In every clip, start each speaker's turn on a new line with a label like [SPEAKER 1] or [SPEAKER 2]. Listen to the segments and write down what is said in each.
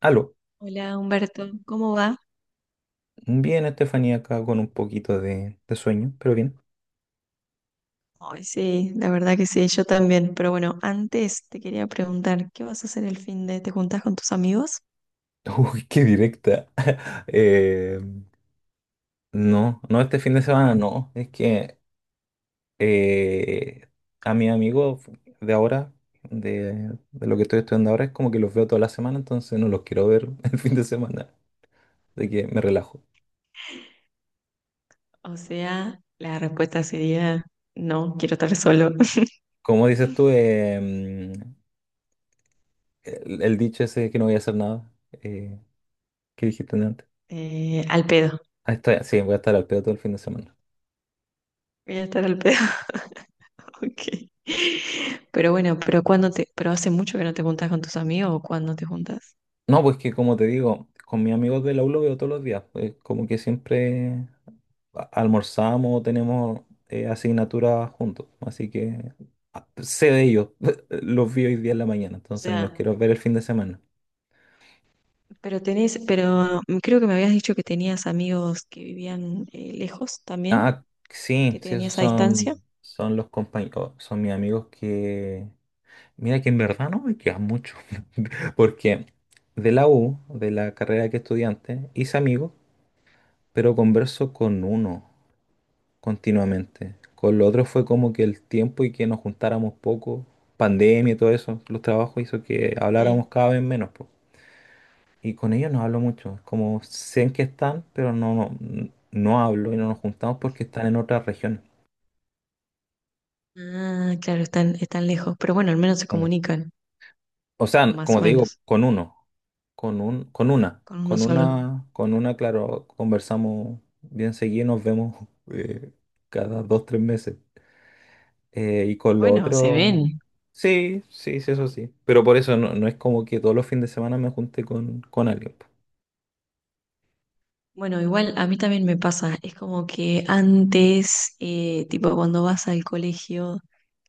[SPEAKER 1] Aló,
[SPEAKER 2] Hola Humberto, ¿cómo va?
[SPEAKER 1] bien Estefanía acá con un poquito de sueño, pero bien.
[SPEAKER 2] Ay, sí, la verdad que sí, yo también. Pero bueno, antes te quería preguntar, ¿qué vas a hacer el fin de? ¿Te juntás con tus amigos?
[SPEAKER 1] Uy, qué directa. Eh, no, no este fin de semana, no. Es que eh, a mis amigos de ahora, de lo que estoy estudiando ahora, es como que los veo toda la semana, entonces no los quiero ver el fin de semana. Así que me relajo.
[SPEAKER 2] O sea, la respuesta sería, no, quiero estar solo.
[SPEAKER 1] Como dices tú, el dicho ese de que no voy a hacer nada. eh, ¿Qué dijiste antes?
[SPEAKER 2] Al pedo,
[SPEAKER 1] Ah, sí, voy a estar al pedo todo el fin de semana.
[SPEAKER 2] voy a estar al pedo, ok. Pero bueno, pero cuando te, pero hace mucho que no te juntas con tus amigos o ¿cuándo te juntas?
[SPEAKER 1] No, pues que como te digo, con mis amigos de la U lo veo todos los días, pues, como que siempre almorzamos, tenemos asignaturas juntos. Así que sé de ellos. Los vi hoy día en la mañana,
[SPEAKER 2] O
[SPEAKER 1] entonces no los
[SPEAKER 2] sea,
[SPEAKER 1] quiero ver el fin de semana.
[SPEAKER 2] pero tenés, pero creo que me habías dicho que tenías amigos que vivían lejos también,
[SPEAKER 1] Ah, sí,
[SPEAKER 2] que
[SPEAKER 1] sí, esos
[SPEAKER 2] tenías a distancia.
[SPEAKER 1] son, son los compañeros, son mis amigos que... Mira que en verdad no me quedan mucho. Porque de la U, de la carrera que estudiante, hice amigos, pero converso con uno continuamente. Con lo otro fue como que el tiempo y que nos juntáramos poco, pandemia y todo eso, los trabajos hizo que habláramos
[SPEAKER 2] Sí.
[SPEAKER 1] cada vez menos, po. Y con ellos no hablo mucho, es como sé en qué están, pero no hablo y no nos juntamos porque están en otras regiones.
[SPEAKER 2] Ah, claro, están, están lejos, pero bueno, al menos se
[SPEAKER 1] Con
[SPEAKER 2] comunican,
[SPEAKER 1] O
[SPEAKER 2] o
[SPEAKER 1] sea,
[SPEAKER 2] más
[SPEAKER 1] como
[SPEAKER 2] o
[SPEAKER 1] te digo,
[SPEAKER 2] menos,
[SPEAKER 1] con uno, con un, con una,
[SPEAKER 2] con uno
[SPEAKER 1] con
[SPEAKER 2] solo.
[SPEAKER 1] una, con una, claro, conversamos bien seguido, nos vemos eh, cada dos, tres meses. Y con lo
[SPEAKER 2] Bueno, se
[SPEAKER 1] otro,
[SPEAKER 2] ven.
[SPEAKER 1] sí, sí, sí, eso sí. Pero por eso no es como que todos los fines de semana me junte con alguien, po.
[SPEAKER 2] Bueno, igual a mí también me pasa, es como que antes, tipo cuando vas al colegio,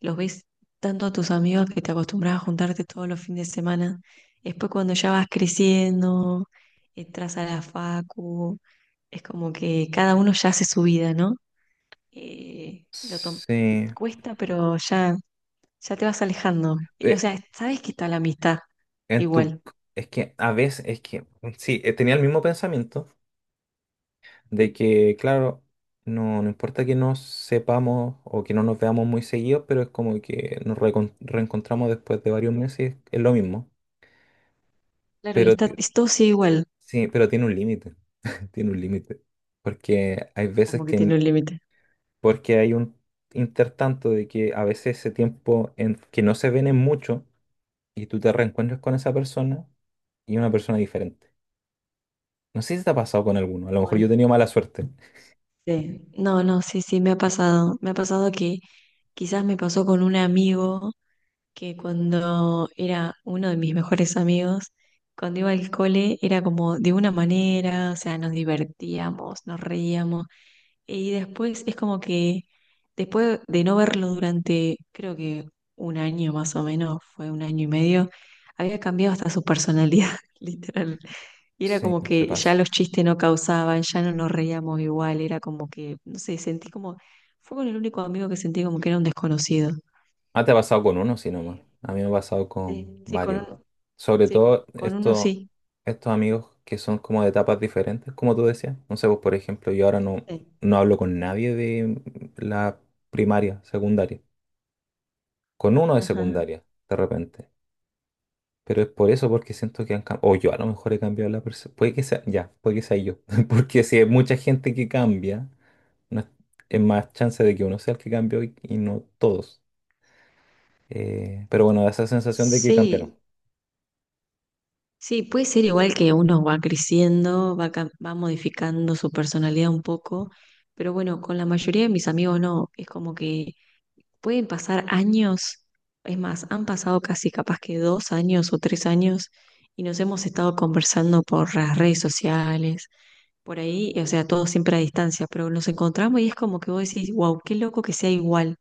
[SPEAKER 2] los ves tanto a tus amigos que te acostumbras a juntarte todos los fines de semana. Después cuando ya vas creciendo, entras a la facu, es como que cada uno ya hace su vida, ¿no? Eh, lo tom-
[SPEAKER 1] Sí,
[SPEAKER 2] cuesta, pero ya te vas alejando. O
[SPEAKER 1] eh,
[SPEAKER 2] sea, sabes que está la amistad
[SPEAKER 1] en tu,
[SPEAKER 2] igual.
[SPEAKER 1] es que a veces, sí, tenía el mismo pensamiento de que, claro, no importa que nos sepamos o que no nos veamos muy seguidos, pero es como que nos reencontramos después de varios meses, es lo mismo.
[SPEAKER 2] Claro, y
[SPEAKER 1] Pero ti-
[SPEAKER 2] está, todo sigue igual,
[SPEAKER 1] sí, pero tiene un límite. Tiene un límite. Porque hay veces
[SPEAKER 2] como que tiene
[SPEAKER 1] que
[SPEAKER 2] un límite.
[SPEAKER 1] Porque hay un intertanto de que a veces ese tiempo en que no se ven en mucho y tú te reencuentras con esa persona y una persona diferente. No sé si te ha pasado con alguno, a lo mejor yo he
[SPEAKER 2] Bueno,
[SPEAKER 1] tenido mala suerte.
[SPEAKER 2] sí. No, no, sí, sí, me ha pasado. Me ha pasado que quizás me pasó con un amigo que cuando era uno de mis mejores amigos, cuando iba al cole era como de una manera, o sea, nos divertíamos, nos reíamos. Y después es como que, después de no verlo durante, creo que un año más o menos, fue 1 año y medio, había cambiado hasta su personalidad, literal. Y era
[SPEAKER 1] Sí,
[SPEAKER 2] como
[SPEAKER 1] se
[SPEAKER 2] que ya
[SPEAKER 1] pasa.
[SPEAKER 2] los chistes no causaban, ya no nos reíamos igual, era como que, no sé, sentí como, fue con el único amigo que sentí como que era un desconocido.
[SPEAKER 1] Ah, te ha pasado con uno, sí, nomás.
[SPEAKER 2] Eh,
[SPEAKER 1] A mí me ha pasado
[SPEAKER 2] sí,
[SPEAKER 1] con
[SPEAKER 2] sí, con
[SPEAKER 1] varios.
[SPEAKER 2] uno,
[SPEAKER 1] Sobre
[SPEAKER 2] sí, con,
[SPEAKER 1] todo
[SPEAKER 2] con uno sí.
[SPEAKER 1] estos amigos que son como de etapas diferentes, como tú decías. No sé, pues, por ejemplo, yo ahora no,
[SPEAKER 2] Sí.
[SPEAKER 1] no hablo con nadie de la primaria, secundaria. Con uno de
[SPEAKER 2] Ajá.
[SPEAKER 1] secundaria, de repente. Pero es por eso, porque siento que han cambiado. O yo a lo mejor he cambiado la persona. Puede que sea, ya, puede que sea yo. Porque si hay mucha gente que cambia, no es, es más chance de que uno sea el que cambió y no todos. Pero bueno, da esa sensación de que cambiaron.
[SPEAKER 2] Sí, sí, puede ser igual que uno va creciendo, va, va modificando su personalidad un poco, pero bueno, con la mayoría de mis amigos no, es como que pueden pasar años, es más, han pasado casi capaz que 2 años o 3 años y nos hemos estado conversando por las redes sociales, por ahí, o sea, todo siempre a distancia, pero nos encontramos y es como que vos decís, wow, qué loco que sea igual,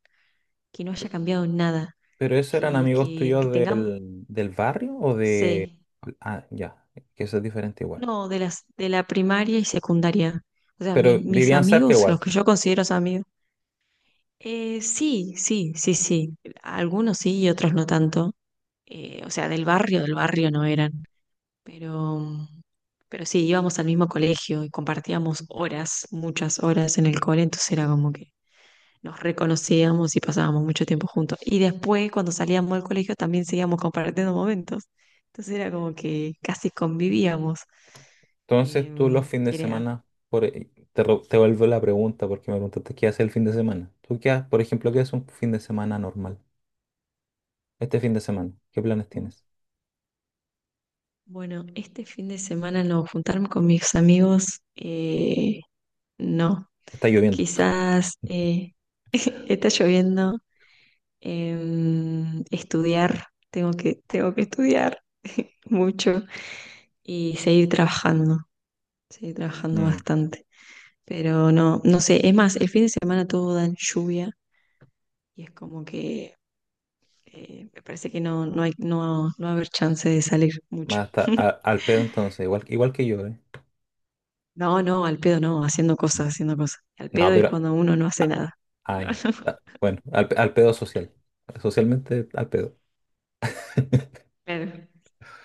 [SPEAKER 2] que no haya cambiado nada,
[SPEAKER 1] ¿Pero esos eran
[SPEAKER 2] que,
[SPEAKER 1] amigos
[SPEAKER 2] que, que
[SPEAKER 1] tuyos
[SPEAKER 2] tengamos...
[SPEAKER 1] del barrio o de...?
[SPEAKER 2] Sí,
[SPEAKER 1] Ah, ya, que eso es diferente igual.
[SPEAKER 2] no, de las, de la primaria y secundaria. O sea,
[SPEAKER 1] Pero
[SPEAKER 2] mis
[SPEAKER 1] vivían cerca
[SPEAKER 2] amigos, los
[SPEAKER 1] igual.
[SPEAKER 2] que yo considero amigos. Sí, sí, sí, sí. Algunos sí y otros no tanto. O sea, del barrio no eran. Pero, pero sí, íbamos al mismo colegio y compartíamos horas, muchas horas en el cole, entonces era como que nos reconocíamos y pasábamos mucho tiempo juntos. Y después, cuando salíamos del colegio, también seguíamos compartiendo momentos. Entonces era como que casi convivíamos.
[SPEAKER 1] Entonces tú los
[SPEAKER 2] Em,
[SPEAKER 1] fines de
[SPEAKER 2] era,
[SPEAKER 1] semana, te vuelvo la pregunta porque me preguntaste qué haces el fin de semana. ¿Tú qué haces, por ejemplo, qué haces un fin de semana normal? Este fin de semana, ¿qué planes
[SPEAKER 2] "Mm,
[SPEAKER 1] tienes?
[SPEAKER 2] bueno, este fin de semana no, juntarme con mis amigos, no.
[SPEAKER 1] Está lloviendo.
[SPEAKER 2] Quizás está lloviendo, estudiar, tengo que estudiar mucho y seguir trabajando
[SPEAKER 1] Mm,
[SPEAKER 2] bastante. Pero no, no sé, es más, el fin de semana todo dan lluvia y es como que me parece que no, no hay, no, no va a haber chance de salir mucho.
[SPEAKER 1] Más hasta al pedo entonces, igual, igual que yo, ¿eh?
[SPEAKER 2] No, no, al pedo no, haciendo
[SPEAKER 1] Mm.
[SPEAKER 2] cosas, haciendo cosas. Al
[SPEAKER 1] No,
[SPEAKER 2] pedo es
[SPEAKER 1] pero...
[SPEAKER 2] cuando uno no hace nada.
[SPEAKER 1] Ah,
[SPEAKER 2] No,
[SPEAKER 1] ya.
[SPEAKER 2] no,
[SPEAKER 1] Ah, bueno, al pedo social. Socialmente al pedo.
[SPEAKER 2] claro.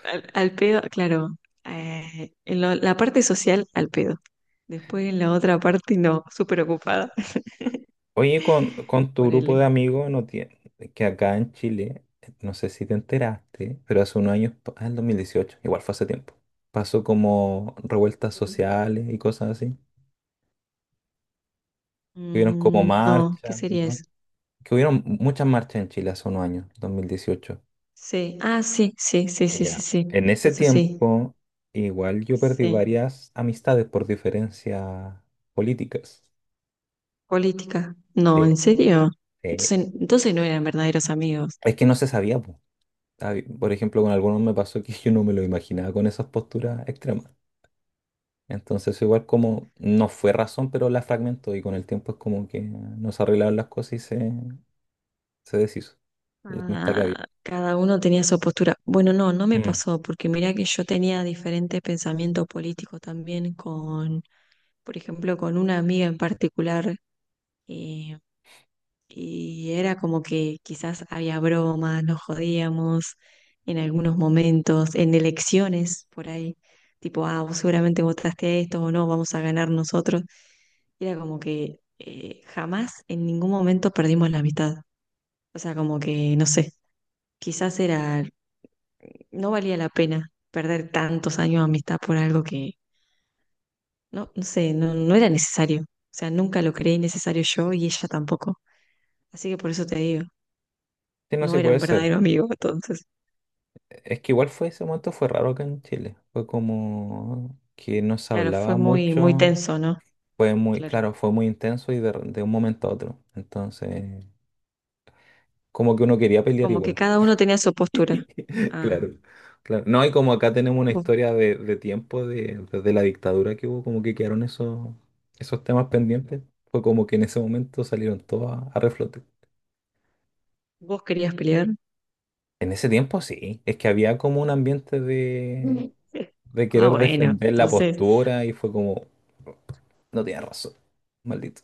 [SPEAKER 2] Al, al pedo, claro. En la parte social, al pedo. Después en la otra parte, no, súper ocupada.
[SPEAKER 1] Oye, con tu grupo
[SPEAKER 2] Ponele.
[SPEAKER 1] de amigos, no tiene, que acá en Chile, no sé si te enteraste, pero hace unos años, el 2018, igual fue hace tiempo, pasó como revueltas sociales y cosas así. Que hubieron como
[SPEAKER 2] Mm, no, ¿qué
[SPEAKER 1] marchas,
[SPEAKER 2] sería
[SPEAKER 1] ¿no?
[SPEAKER 2] eso?
[SPEAKER 1] Que hubieron muchas marchas en Chile hace unos años, 2018.
[SPEAKER 2] Sí, ah, sí, sí, sí, sí, sí,
[SPEAKER 1] Ya.
[SPEAKER 2] sí.
[SPEAKER 1] En ese
[SPEAKER 2] Eso sí.
[SPEAKER 1] tiempo, igual yo perdí
[SPEAKER 2] Sí.
[SPEAKER 1] varias amistades por diferencias políticas.
[SPEAKER 2] Política. No,
[SPEAKER 1] Sí,
[SPEAKER 2] ¿en serio?
[SPEAKER 1] sí.
[SPEAKER 2] Entonces, entonces no eran verdaderos amigos.
[SPEAKER 1] Es que no se sabía, po. Por ejemplo, con algunos me pasó que yo no me lo imaginaba con esas posturas extremas. Entonces, igual como no fue razón, pero la fragmentó y con el tiempo es como que nos arreglaron las cosas y se deshizo la amistad que había.
[SPEAKER 2] Ah, cada uno tenía su postura. Bueno, no, no me
[SPEAKER 1] Mm.
[SPEAKER 2] pasó, porque mirá que yo tenía diferentes pensamientos políticos también con, por ejemplo, con una amiga en particular. eh, Y era como que quizás había bromas, nos jodíamos en algunos momentos, en elecciones por ahí, tipo, ah, vos seguramente votaste a esto o no, vamos a ganar nosotros. Y era como que jamás en ningún momento perdimos la amistad. O sea, como que, no sé, quizás era, no valía la pena perder tantos años de amistad por algo que, no, no sé, no, no era necesario. O sea, nunca lo creí necesario yo y ella tampoco. Así que por eso te digo,
[SPEAKER 1] Sí, no, sí
[SPEAKER 2] no era
[SPEAKER 1] puede
[SPEAKER 2] un
[SPEAKER 1] ser.
[SPEAKER 2] verdadero amigo. Entonces,
[SPEAKER 1] Es que igual fue ese momento, fue raro acá en Chile. Fue como que no se
[SPEAKER 2] claro, fue
[SPEAKER 1] hablaba
[SPEAKER 2] muy, muy
[SPEAKER 1] mucho.
[SPEAKER 2] tenso, ¿no? Claro.
[SPEAKER 1] Claro, fue muy intenso y de un momento a otro. Entonces, como que uno quería pelear
[SPEAKER 2] Como que
[SPEAKER 1] igual.
[SPEAKER 2] cada uno tenía su postura.
[SPEAKER 1] Claro,
[SPEAKER 2] Ah,
[SPEAKER 1] claro. No, y como acá tenemos una
[SPEAKER 2] vos,
[SPEAKER 1] historia de tiempo, desde la dictadura que hubo, como que quedaron esos temas pendientes. Fue como que en ese momento salieron todos a reflote.
[SPEAKER 2] vos querías pelear.
[SPEAKER 1] En ese tiempo sí, es que había como un ambiente de, de
[SPEAKER 2] Ah,
[SPEAKER 1] querer
[SPEAKER 2] bueno,
[SPEAKER 1] defender la
[SPEAKER 2] entonces
[SPEAKER 1] postura y fue como, no tiene razón, maldito.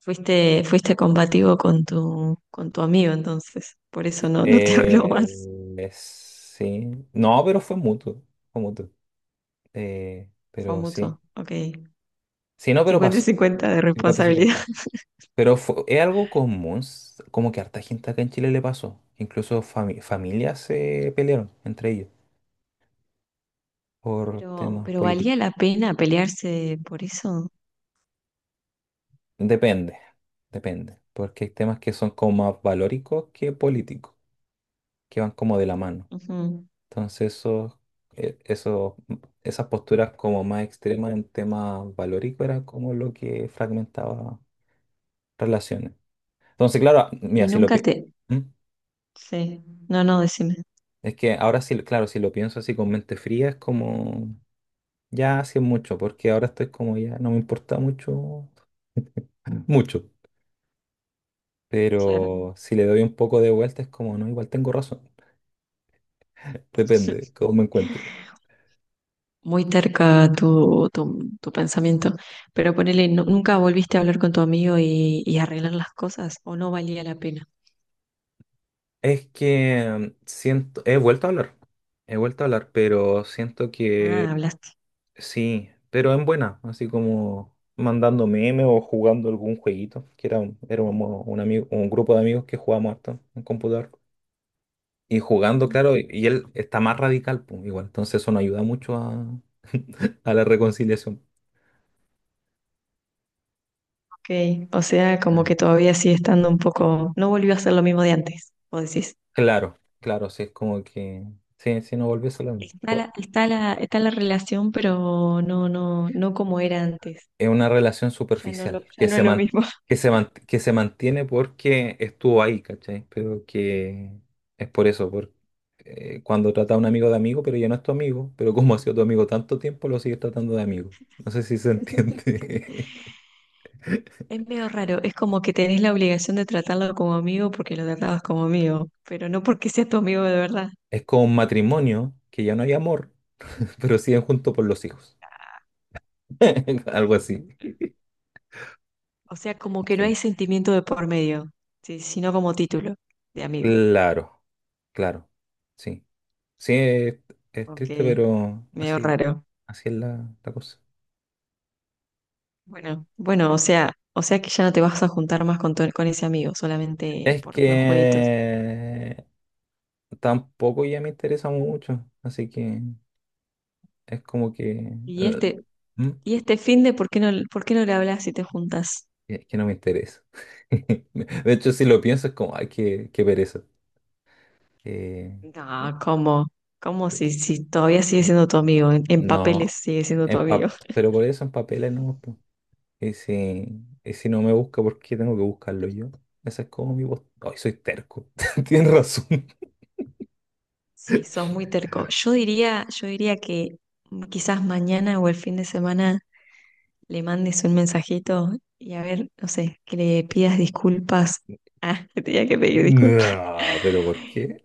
[SPEAKER 2] fuiste, fuiste combativo con tu amigo, entonces. Por eso
[SPEAKER 1] Eh,
[SPEAKER 2] no, no te habló más.
[SPEAKER 1] sí. No, pero fue mutuo. Fue mutuo.
[SPEAKER 2] Fue
[SPEAKER 1] Pero sí.
[SPEAKER 2] mutuo. Ok.
[SPEAKER 1] Sí, no, pero
[SPEAKER 2] cincuenta y
[SPEAKER 1] pasó.
[SPEAKER 2] cincuenta de responsabilidad.
[SPEAKER 1] 50-50. Pero fue, es algo común. Como que harta gente acá en Chile le pasó. Incluso familias se pelearon entre ellos por temas
[SPEAKER 2] Pero
[SPEAKER 1] políticos.
[SPEAKER 2] valía la pena pelearse por eso.
[SPEAKER 1] Depende. Depende. Porque hay temas que son como más valóricos que políticos. Que van como de la mano.
[SPEAKER 2] Ujú.
[SPEAKER 1] Entonces, e- eso- esas posturas como más extremas en tema valórico era como lo que fragmentaba relaciones. Entonces, claro, mira,
[SPEAKER 2] Y
[SPEAKER 1] si lo
[SPEAKER 2] nunca
[SPEAKER 1] pi-
[SPEAKER 2] te...
[SPEAKER 1] ¿Mm?
[SPEAKER 2] Sí. No, no, decime.
[SPEAKER 1] Es que ahora sí, claro, si lo pienso así con mente fría, es como ya hace mucho, porque ahora estoy como ya, no me importa mucho, mucho.
[SPEAKER 2] Claro.
[SPEAKER 1] Pero si le doy un poco de vuelta, es como, no, igual tengo razón. Depende cómo me encuentre.
[SPEAKER 2] Muy terca tu, tu, tu pensamiento. Pero ponele, ¿nunca volviste a hablar con tu amigo y arreglar las cosas? ¿O no valía la pena?
[SPEAKER 1] Es que siento, he vuelto a hablar, pero siento que
[SPEAKER 2] Ah, hablaste.
[SPEAKER 1] sí, pero en buena, así como mandando memes o jugando algún jueguito, éramos un grupo de amigos que jugábamos harto en computador. Y jugando, claro, y él está más radical, pues, igual, entonces eso no ayuda mucho a la reconciliación.
[SPEAKER 2] Ok, o sea, como
[SPEAKER 1] Mm.
[SPEAKER 2] que todavía sigue estando un poco, no volvió a ser lo mismo de antes, vos decís.
[SPEAKER 1] Claro, claro, sí, es como que, sí, sí, no volvés a lo mismo.
[SPEAKER 2] Está la, está la, está la relación, pero no, no, no como era antes.
[SPEAKER 1] Es una relación
[SPEAKER 2] Ya no
[SPEAKER 1] superficial,
[SPEAKER 2] lo, ya no es lo mismo.
[SPEAKER 1] que se mantiene porque estuvo ahí, ¿cachai? Pero que es por eso, cuando trata a un amigo de amigo, pero ya no es tu amigo, pero como ha sido tu amigo tanto tiempo, lo sigues tratando de amigo. No sé si se entiende.
[SPEAKER 2] Es medio raro, es como que tenés la obligación de tratarlo como amigo porque lo tratabas como amigo, pero no porque sea tu amigo de verdad.
[SPEAKER 1] Es como un matrimonio, que ya no hay amor, pero siguen juntos por los hijos. Algo así.
[SPEAKER 2] O sea, como que no
[SPEAKER 1] Sí.
[SPEAKER 2] hay sentimiento de por medio, sí, sino como título de amigo.
[SPEAKER 1] Claro, claro. Sí. Sí, es
[SPEAKER 2] Ok,
[SPEAKER 1] triste, pero
[SPEAKER 2] medio
[SPEAKER 1] así,
[SPEAKER 2] raro.
[SPEAKER 1] así es la cosa.
[SPEAKER 2] Bueno, bueno, o sea que ya no te vas a juntar más con, con ese amigo, solamente
[SPEAKER 1] Es
[SPEAKER 2] por los jueguitos.
[SPEAKER 1] que tampoco ya me interesa mucho, así que es como que.
[SPEAKER 2] Y
[SPEAKER 1] eh,
[SPEAKER 2] este,
[SPEAKER 1] ¿Mm?
[SPEAKER 2] y este finde, por qué no le hablas si te juntas?
[SPEAKER 1] Es que no me interesa. De hecho, si lo pienso es como, ay, qué, qué pereza. Que
[SPEAKER 2] No, ¿cómo? ¿Cómo si, si todavía sigue siendo tu amigo? En papeles
[SPEAKER 1] no,
[SPEAKER 2] sigue siendo tu amigo.
[SPEAKER 1] pero por eso en papeles no, po. Y si no me busca, ¿por qué tengo que buscarlo yo? Esa es como mi voz. Ay, soy terco. Tienes razón.
[SPEAKER 2] Sí, sos muy terco. Yo diría que quizás mañana o el fin de semana le mandes un mensajito y a ver, no sé, que le pidas disculpas. Ah, te tenía que pedir disculpas.
[SPEAKER 1] No, pero ¿por qué?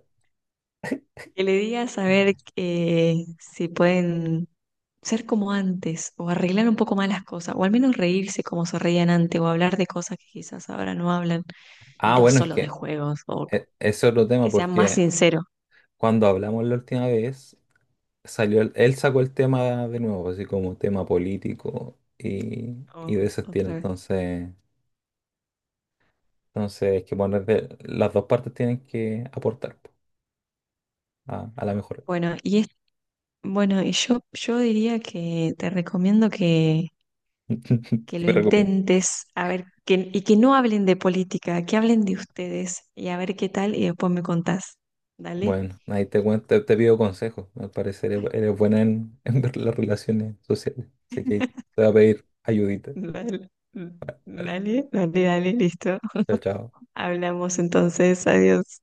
[SPEAKER 2] Que le digas a ver que si pueden ser como antes o arreglar un poco más las cosas o al menos reírse como se reían antes o hablar de cosas que quizás ahora no hablan y
[SPEAKER 1] Ah,
[SPEAKER 2] no
[SPEAKER 1] bueno, es
[SPEAKER 2] solo de
[SPEAKER 1] que
[SPEAKER 2] juegos o
[SPEAKER 1] es otro tema
[SPEAKER 2] que sean más
[SPEAKER 1] porque
[SPEAKER 2] sinceros.
[SPEAKER 1] cuando hablamos la última vez, salió él sacó el tema de nuevo, así como tema político y
[SPEAKER 2] Oh,
[SPEAKER 1] de ese estilo.
[SPEAKER 2] otra vez.
[SPEAKER 1] Entonces hay que poner las dos partes tienen que aportar po, a la mejora.
[SPEAKER 2] Bueno, y es, bueno, y yo diría que te recomiendo que
[SPEAKER 1] ¿Qué
[SPEAKER 2] lo
[SPEAKER 1] me recomiendo?
[SPEAKER 2] intentes, a ver, que, y que no hablen de política, que hablen de ustedes y a ver qué tal y después me contás. Dale.
[SPEAKER 1] Bueno, ahí te cuento, te pido consejos. Al parecer eres buena en ver las relaciones sociales. Así que te voy a pedir ayudita.
[SPEAKER 2] Vale,
[SPEAKER 1] Vale,
[SPEAKER 2] dale dale dale, listo.
[SPEAKER 1] chao, chao.
[SPEAKER 2] Hablamos entonces, adiós.